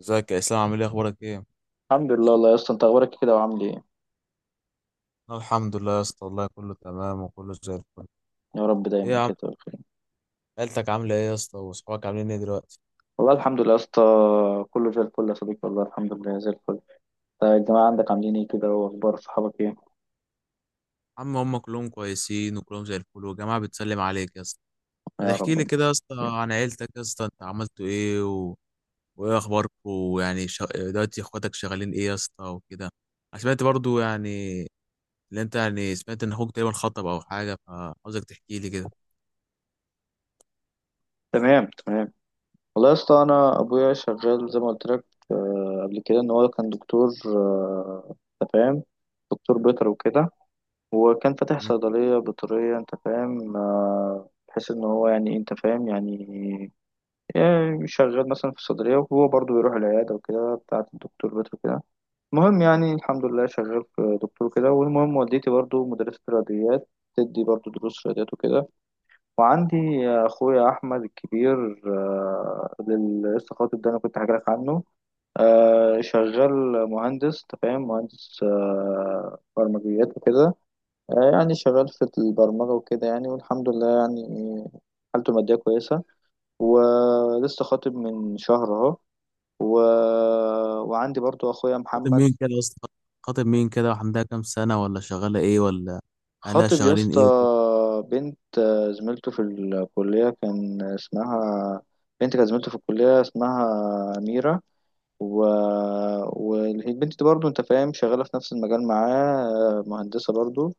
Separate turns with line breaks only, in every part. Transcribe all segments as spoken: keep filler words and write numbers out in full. ازيك يا اسلام، عامل ايه، اخبارك ايه؟
الحمد لله والله يا اسطى انت اخبارك إيه كده وعامل ايه؟
أنا الحمد لله يا اسطى، والله كله تمام وكله زي الفل.
يا رب
ايه يا
دايما
عم؟
كده تبقى بخير.
عيلتك عامله ايه يا اسطى؟ واصحابك عاملين ايه دلوقتي؟
والله الحمد لله يا اسطى، كله زي الفل يا صديقي، والله الحمد لله زي الفل. طيب الجماعه عندك عاملين ايه كده، واخبار صحابك ايه؟
عم، هم كلهم كويسين وكلهم زي الفل، والجماعه بتسلم عليك يا اسطى. ما
يا
تحكي لي
رب.
كده يا اسطى عن عيلتك، يا اسطى انت عملتوا ايه و... وايه اخباركم؟ ويعني ش... دلوقتي اخواتك شغالين ايه يا اسطى وكده؟ انا سمعت برضو يعني، اللي انت يعني سمعت ان اخوك تقريبا خطب او حاجه، فعاوزك تحكي لي كده.
تمام، تمام. والله يا اسطى انا ابويا شغال زي ما قلت لك. آه، قبل كده ان هو كان دكتور، آه، انت فاهم، دكتور بيطري وكده. وكان فاتح صيدليه بيطريه، انت فاهم، آه، بحيث ان هو يعني إيه، انت فاهم يعني. يعني شغال مثلا في الصيدلية، وهو برضه بيروح العيادة وكده، بتاعة الدكتور بيتر كده. المهم يعني الحمد لله شغال في دكتور كده، والمهم والدتي برضه مدرسة رياضيات، تدي برضه دروس رياضيات وكده. وعندي أخويا أحمد الكبير، آه، اللي لسه خاطب ده، أنا كنت حكي لك عنه. آه، شغال مهندس، أنت فاهم، مهندس آه، برمجيات وكده. آه، يعني شغال في البرمجة وكده يعني، والحمد لله يعني. حالته المادية كويسة، ولسه خاطب من شهر اهو. و... وعندي برضو اخويا
خاطب
محمد.
مين كده يا اسطى؟ خاطب مين كده، وعندها كام سنة؟ ولا شغالة ايه؟ ولا اهلها
خاطب يا
شغالين
اسطى.
ايه وكده؟
بنت، آه، زميلته في الكلية، كان اسمها... بنت كانت زميلته في الكلية، اسمها أميرة. و... والبنت دي برضو، انت فاهم، شغالة في نفس المجال معاه، آه، مهندسة برضو.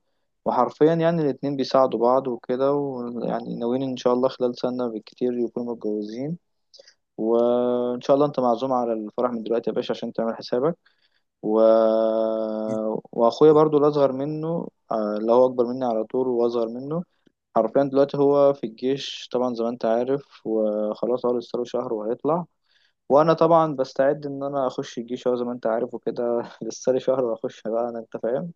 وحرفيا يعني الاتنين بيساعدوا بعض وكده، ويعني ناويين ان شاء الله خلال سنة بالكتير يكونوا متجوزين. وان شاء الله انت معزوم على الفرح من دلوقتي يا باشا عشان تعمل حسابك. و...
أكيد.
واخويا برضو الاصغر منه، آه، اللي هو اكبر مني على طول واصغر منه. حرفيا دلوقتي هو في الجيش طبعا زي ما انت عارف، وخلاص هو لسه له شهر وهيطلع. وانا طبعا بستعد ان انا اخش الجيش اهو زي ما انت عارف وكده لسه لي شهر واخش بقى انا، انت فاهم.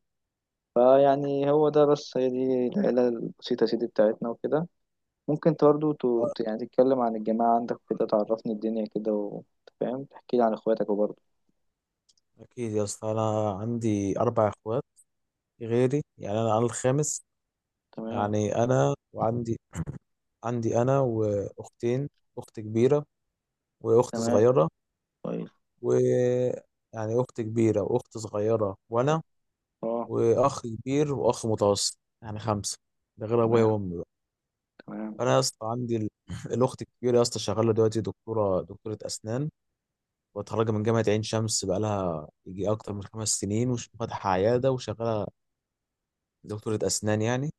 فيعني هو ده بس، هي دي العيله البسيطه يا سيدي بتاعتنا وكده. ممكن انت برضو ت...
آه،
ت- يعني تتكلم عن الجماعه عندك وكده، تعرفني الدنيا كده، وانت فاهم، تحكي لي عن اخواتك وبرضه.
أكيد يا اسطى، أنا عندي أربع إخوات غيري، يعني أنا أنا الخامس.
تمام،
يعني أنا وعندي، عندي أنا وأختين، أخت كبيرة وأخت
تمام،
صغيرة.
كويس.
و يعني أخت كبيرة وأخت صغيرة وأنا،
اه.
وأخ كبير وأخ متوسط، يعني خمسة، ده غير أبويا
تمام.
وأمي بقى.
تمام،
أنا يا اسطى عندي ال... الأخت الكبيرة يا اسطى شغالة دلوقتي، دكتورة دكتورة أسنان، متخرجة من جامعة عين شمس، بقالها يجي أكتر من خمس سنين وفاتحة عيادة وشغالة دكتورة أسنان يعني.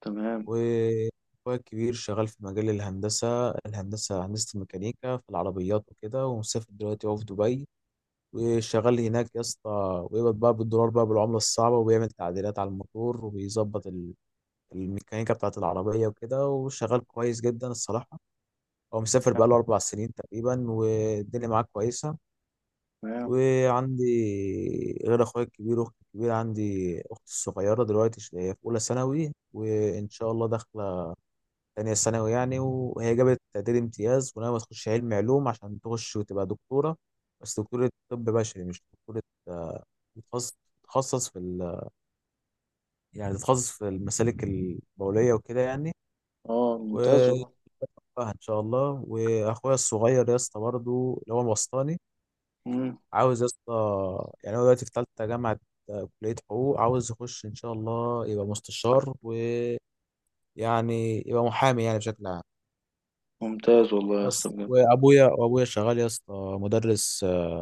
تمام،
وأخويا الكبير شغال في مجال الهندسة الهندسة، هندسة الميكانيكا في العربيات وكده، ومسافر دلوقتي هو في دبي، وشغال هناك يا اسطى، ويقبض بقى بالدولار، بقى بالعملة الصعبة، وبيعمل تعديلات على الموتور، وبيظبط ال- الميكانيكا بتاعة العربية وكده، وشغال كويس جدا الصراحة. هو مسافر
تمام،
بقاله أربع سنين تقريبا، والدنيا معاه كويسة.
تمام.
وعندي غير اخويا الكبير واختي الكبيره، عندي اختي الصغيره دلوقتي، ش- هي في اولى ثانوي وان شاء الله داخله تانية ثانوي يعني، وهي جابت تقدير امتياز، وناويه تخش علم علوم عشان تخش وتبقى دكتوره. بس دكتوره طب بشري، مش دكتوره آه، بتخصص، تتخصص في ال... يعني تتخصص في المسالك البوليه وكده يعني.
اه،
و
ممتاز والله.
آه، ان شاء الله. واخويا الصغير يا اسطى برضه اللي هو الوسطاني،
مم.
عاوز يا اسطى، يعني هو دلوقتي في تالتة جامعة آه، كلية حقوق، عاوز يخش إن شاء الله يبقى مستشار، ويعني يبقى محامي يعني بشكل عام.
ممتاز والله يا اسطى،
بس
بجد.
وأبويا وأبويا شغال يا اسطى، مدرس، آه،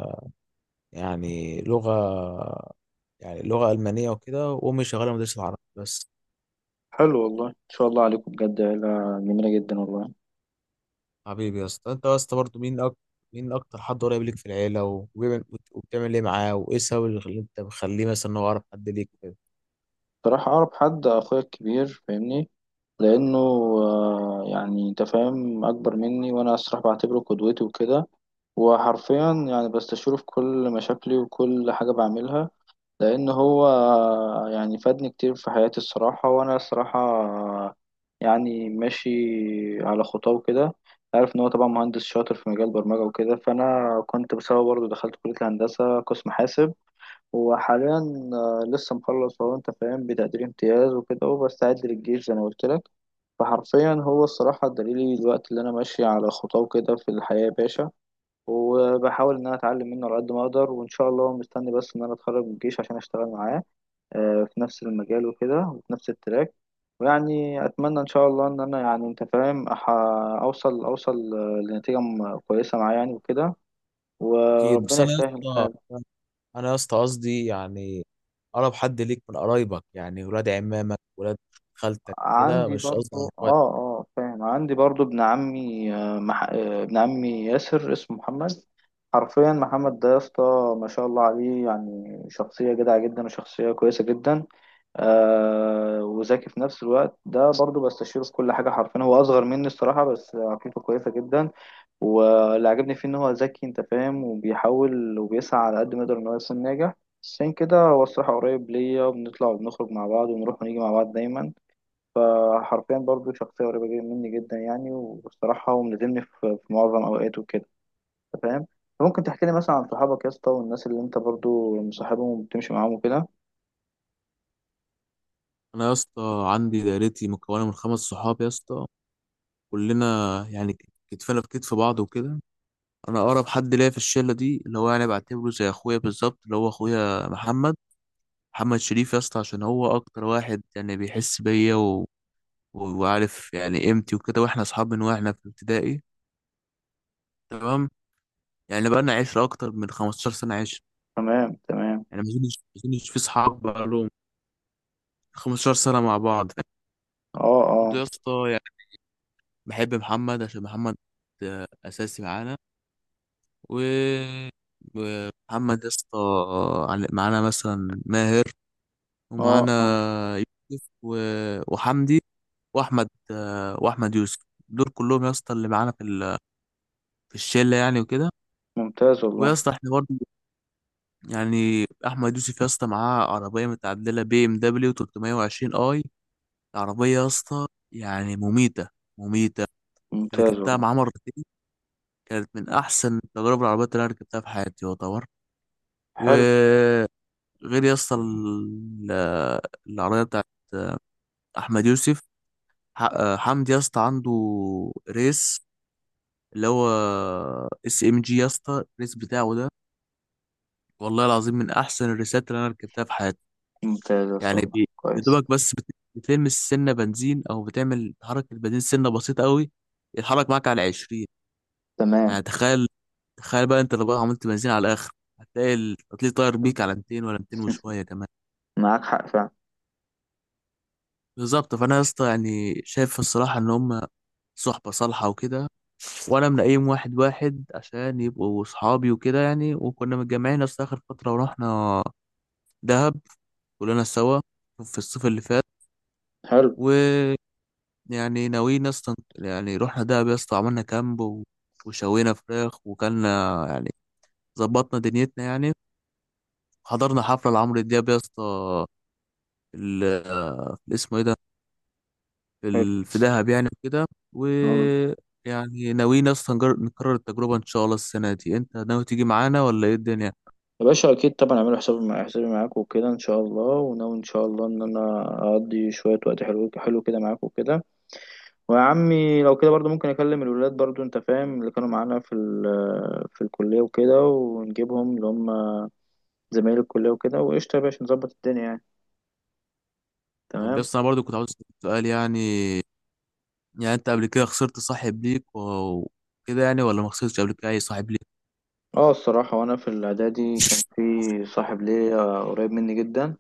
يعني لغة، يعني لغة ألمانية وكده، وأمي شغالة مدرسة عربي بس.
حلو والله، ان شاء الله عليكم، بجد عيلة جميلة جدا والله.
حبيبي يا اسطى، أنت يا اسطى برضه مين أكتر مين أكتر حد قريب ليك في العيلة، و- وبيعمل- وبتعمل إيه معاه؟ وإيه السبب اللي خل- أنت مخليه مثلا إن هو أقرب حد ليك وكده؟
بصراحة اعرف حد، اخويا الكبير فاهمني، لانه آه، يعني انت فاهم، اكبر مني، وانا الصراحه بعتبره قدوتي وكده. وحرفيا يعني بستشيره في كل مشاكلي وكل حاجه بعملها، لأن هو يعني فادني كتير في حياتي الصراحة. وأنا الصراحة يعني ماشي على خطاه كده. عارف إن هو طبعا مهندس شاطر في مجال البرمجة وكده، فأنا كنت بسببه برضه دخلت كلية الهندسة قسم حاسب. وحاليا آه، لسه مخلص هو، أنت فاهم، بتقدير امتياز وكده، وبستعد للجيش زي ما قلت لك. فحرفيا هو الصراحة دليلي دلوقتي، اللي أنا ماشي على خطاه كده في الحياة يا باشا. وبحاول إن أنا أتعلم منه على قد ما أقدر، وإن شاء الله مستني بس إن أنا أتخرج من الجيش عشان أشتغل معاه آه، في نفس المجال وكده، وفي نفس التراك. ويعني أتمنى إن شاء الله إن أنا يعني أنت فاهم أح- أوصل أوصل آه، لنتيجة م- كويسة معايا يعني وكده،
أكيد. بس
وربنا
أنا يا
يسهل الحال.
اسطى انا يا اسطى قصدي يعني، اقرب حد ليك من قرايبك، يعني ولاد عمامك، ولاد خالتك كده،
عندي
مش قصدي على
برضو، اه،
اخواتك.
اه، فاهم. عندي برضو ابن عمي، آه، مح... آه، ابن عمي ياسر، اسمه محمد. حرفيا محمد ده يا اسطى، ما شاء الله عليه، يعني شخصية جدعة جدا، وشخصية كويسة جدا، آه، وذكي في نفس الوقت. ده برضو بستشيره في كل حاجة. حرفيا هو أصغر مني الصراحة، بس عقليته كويسة جدا. واللي عجبني فيه إن هو ذكي، أنت فاهم، وبيحاول وبيسعى على قد ما يقدر إن هو يكون ناجح. عشان كده هو الصراحة قريب ليا، وبنطلع وبنخرج مع بعض، ونروح ونيجي مع بعض دايما. فحرفيا برضو شخصية قريبة جدا مني جدا يعني. والصراحة هو ملازمني في في معظم أوقاته كده، أنت فاهم. ممكن تحكي لي مثلا عن صحابك يا اسطى، والناس اللي أنت برضو مصاحبهم وبتمشي معاهم وكده؟
انا يا اسطى عندي دايرتي مكونه من خمس صحاب يا اسطى، كلنا يعني، ك- كتفنا في كتف بعض وكده. انا اقرب حد ليا في الشله دي، اللي هو يعني بعتبره زي اخويا بالظبط، اللي هو اخويا محمد محمد شريف يا اسطى، عشان هو اكتر واحد يعني بيحس بيا و... و- وعارف يعني قيمتي وكده، واحنا اصحاب من واحنا في ابتدائي. تمام، يعني بقى لنا عشرة اكتر من خمس عشرة سنه عشره،
تمام، تمام.
يعني ما اظنش ما اظنش في صحاب بقى لهم خمستاشر سنه مع بعض.
أه،
برضه
أه.
يا اسطى يعني، بحب محمد عشان محمد آه، اساسي معانا. و ومحمد يا اسطى عل- معانا مثلا ماهر،
أه،
ومعانا
أه.
يوسف و... وحمدي، واحمد واحمد يوسف، دول كلهم يا اسطى اللي معانا في ال... في الشله يعني وكده.
ممتاز
ويا
والله.
اسطى احنا برضه يعني، احمد يوسف يا اسطى معاه عربيه متعدله، بي ام دبليو تلتميه وعشرين اي. العربيه يا اسطى يعني مميته، مميته.
ممتاز
ركبتها
والله.
مع عمر دي، كانت من احسن تجارب العربيات اللي انا ركبتها في حياتي يعتبر.
حلو.
وغير يا اسطى، ال- العربيه بتاعت احمد يوسف، ح- حمدي يا اسطى عنده ريس، اللي هو اس ام جي يا اسطى، الريس بتاعه ده والله العظيم من احسن الريسات اللي انا ركبتها في حياتي.
ممتاز يا اسطى
يعني
والله،
بي-
كويس.
يدوبك بس بت- بتلمس سنه بنزين، او بتعمل تحرك البنزين سنه بسيطه قوي، يتحرك معاك على عشرين. يعني
تمام.
تخيل تخيل بقى انت، لو بقى عملت بنزين على الاخر، هتلاقي التطليق طاير بيك على ميتين، ولا ميتين وشويه كمان.
معاك حق فعلا.
بالظبط. فانا يا اسطى يعني شايف الصراحه ان هم صحبه صالحه وكده، وانا منقيم واحد واحد عشان يبقوا صحابي وكده يعني. وكنا متجمعين اصلا اخر فتره، ورحنا دهب كلنا سوا في الصيف اللي فات.
حلو،
ويعني ناويين اصلا، يعني رحنا دهب يا اسطى، عملنا كامب و- وشوينا فراخ، وكلنا يعني ظبطنا دنيتنا يعني. حضرنا حفلة لعمرو دياب يا اسطى، ال- ال- اسمه ايه ده،
حلو.
ال- في دهب يعني وكده. و
آه.
يعني ناويين يا اسطى نجر- نكرر التجربة ان شاء الله السنة دي. انت ناوي تيجي معانا ولا ايه الدنيا؟
يا باشا اكيد طبعا، اعملوا حسابي مع حسابي معاك وكده ان شاء الله. وناوي ان شاء الله ان انا اقضي شويه وقت حلو حلو كده معاك وكده. ويا عمي لو كده برضو ممكن اكلم الولاد برضو، انت فاهم، اللي كانوا معانا في ال- في الكليه وكده، ونجيبهم، اللي هم زمايل الكليه وكده. وقشطه يا باشا، نظبط الدنيا يعني.
طب يا
تمام.
اسطى، انا برضو كنت عاوز اسألك سؤال يعني يعني انت قبل كده خسرت صاحب ليك و- وكده يعني؟ ولا ما خسرتش قبل كده اي صاحب ليك؟
اه، الصراحه وانا في الاعدادي كان في صاحب ليا قريب مني جدا.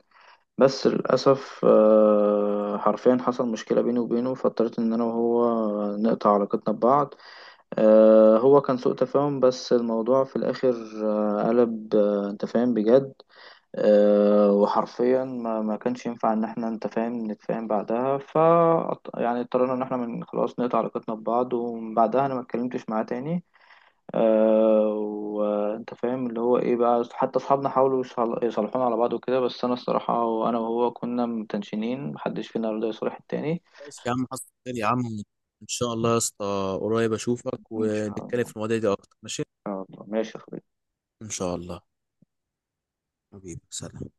بس للاسف، آه، حرفيا حصل مشكله بيني وبينه، فاضطريت ان انا وهو نقطع علاقتنا ببعض. آه، هو كان سوء تفاهم، بس الموضوع في الآخر آه، قلب، آه، أنت فاهم، بجد. آه، وحرفيا ما, ما كانش ينفع إن احنا، أنت فاهم، نتفاهم بعدها. ف يعني اضطرينا إن احنا من خلاص نقطع علاقتنا ببعض، ومن بعدها أنا ما اتكلمتش معاه تاني. آه، وأنت فاهم اللي هو إيه بقى. حتى أصحابنا حاولوا يصل- يصالحونا على بعض وكده، بس أنا الصراحة، وأنا وهو كنا متنشنين، محدش فينا رضى يصالح التاني.
خلاص يا عم، حصل خير يا عم. ان شاء الله يا اسطى قريب اشوفك
إن شاء
ونتكلم
الله، إن
في المواضيع دي اكتر، ماشي؟
شاء الله ماشي يا صديقي.
ان شاء الله. حبيبي، سلام.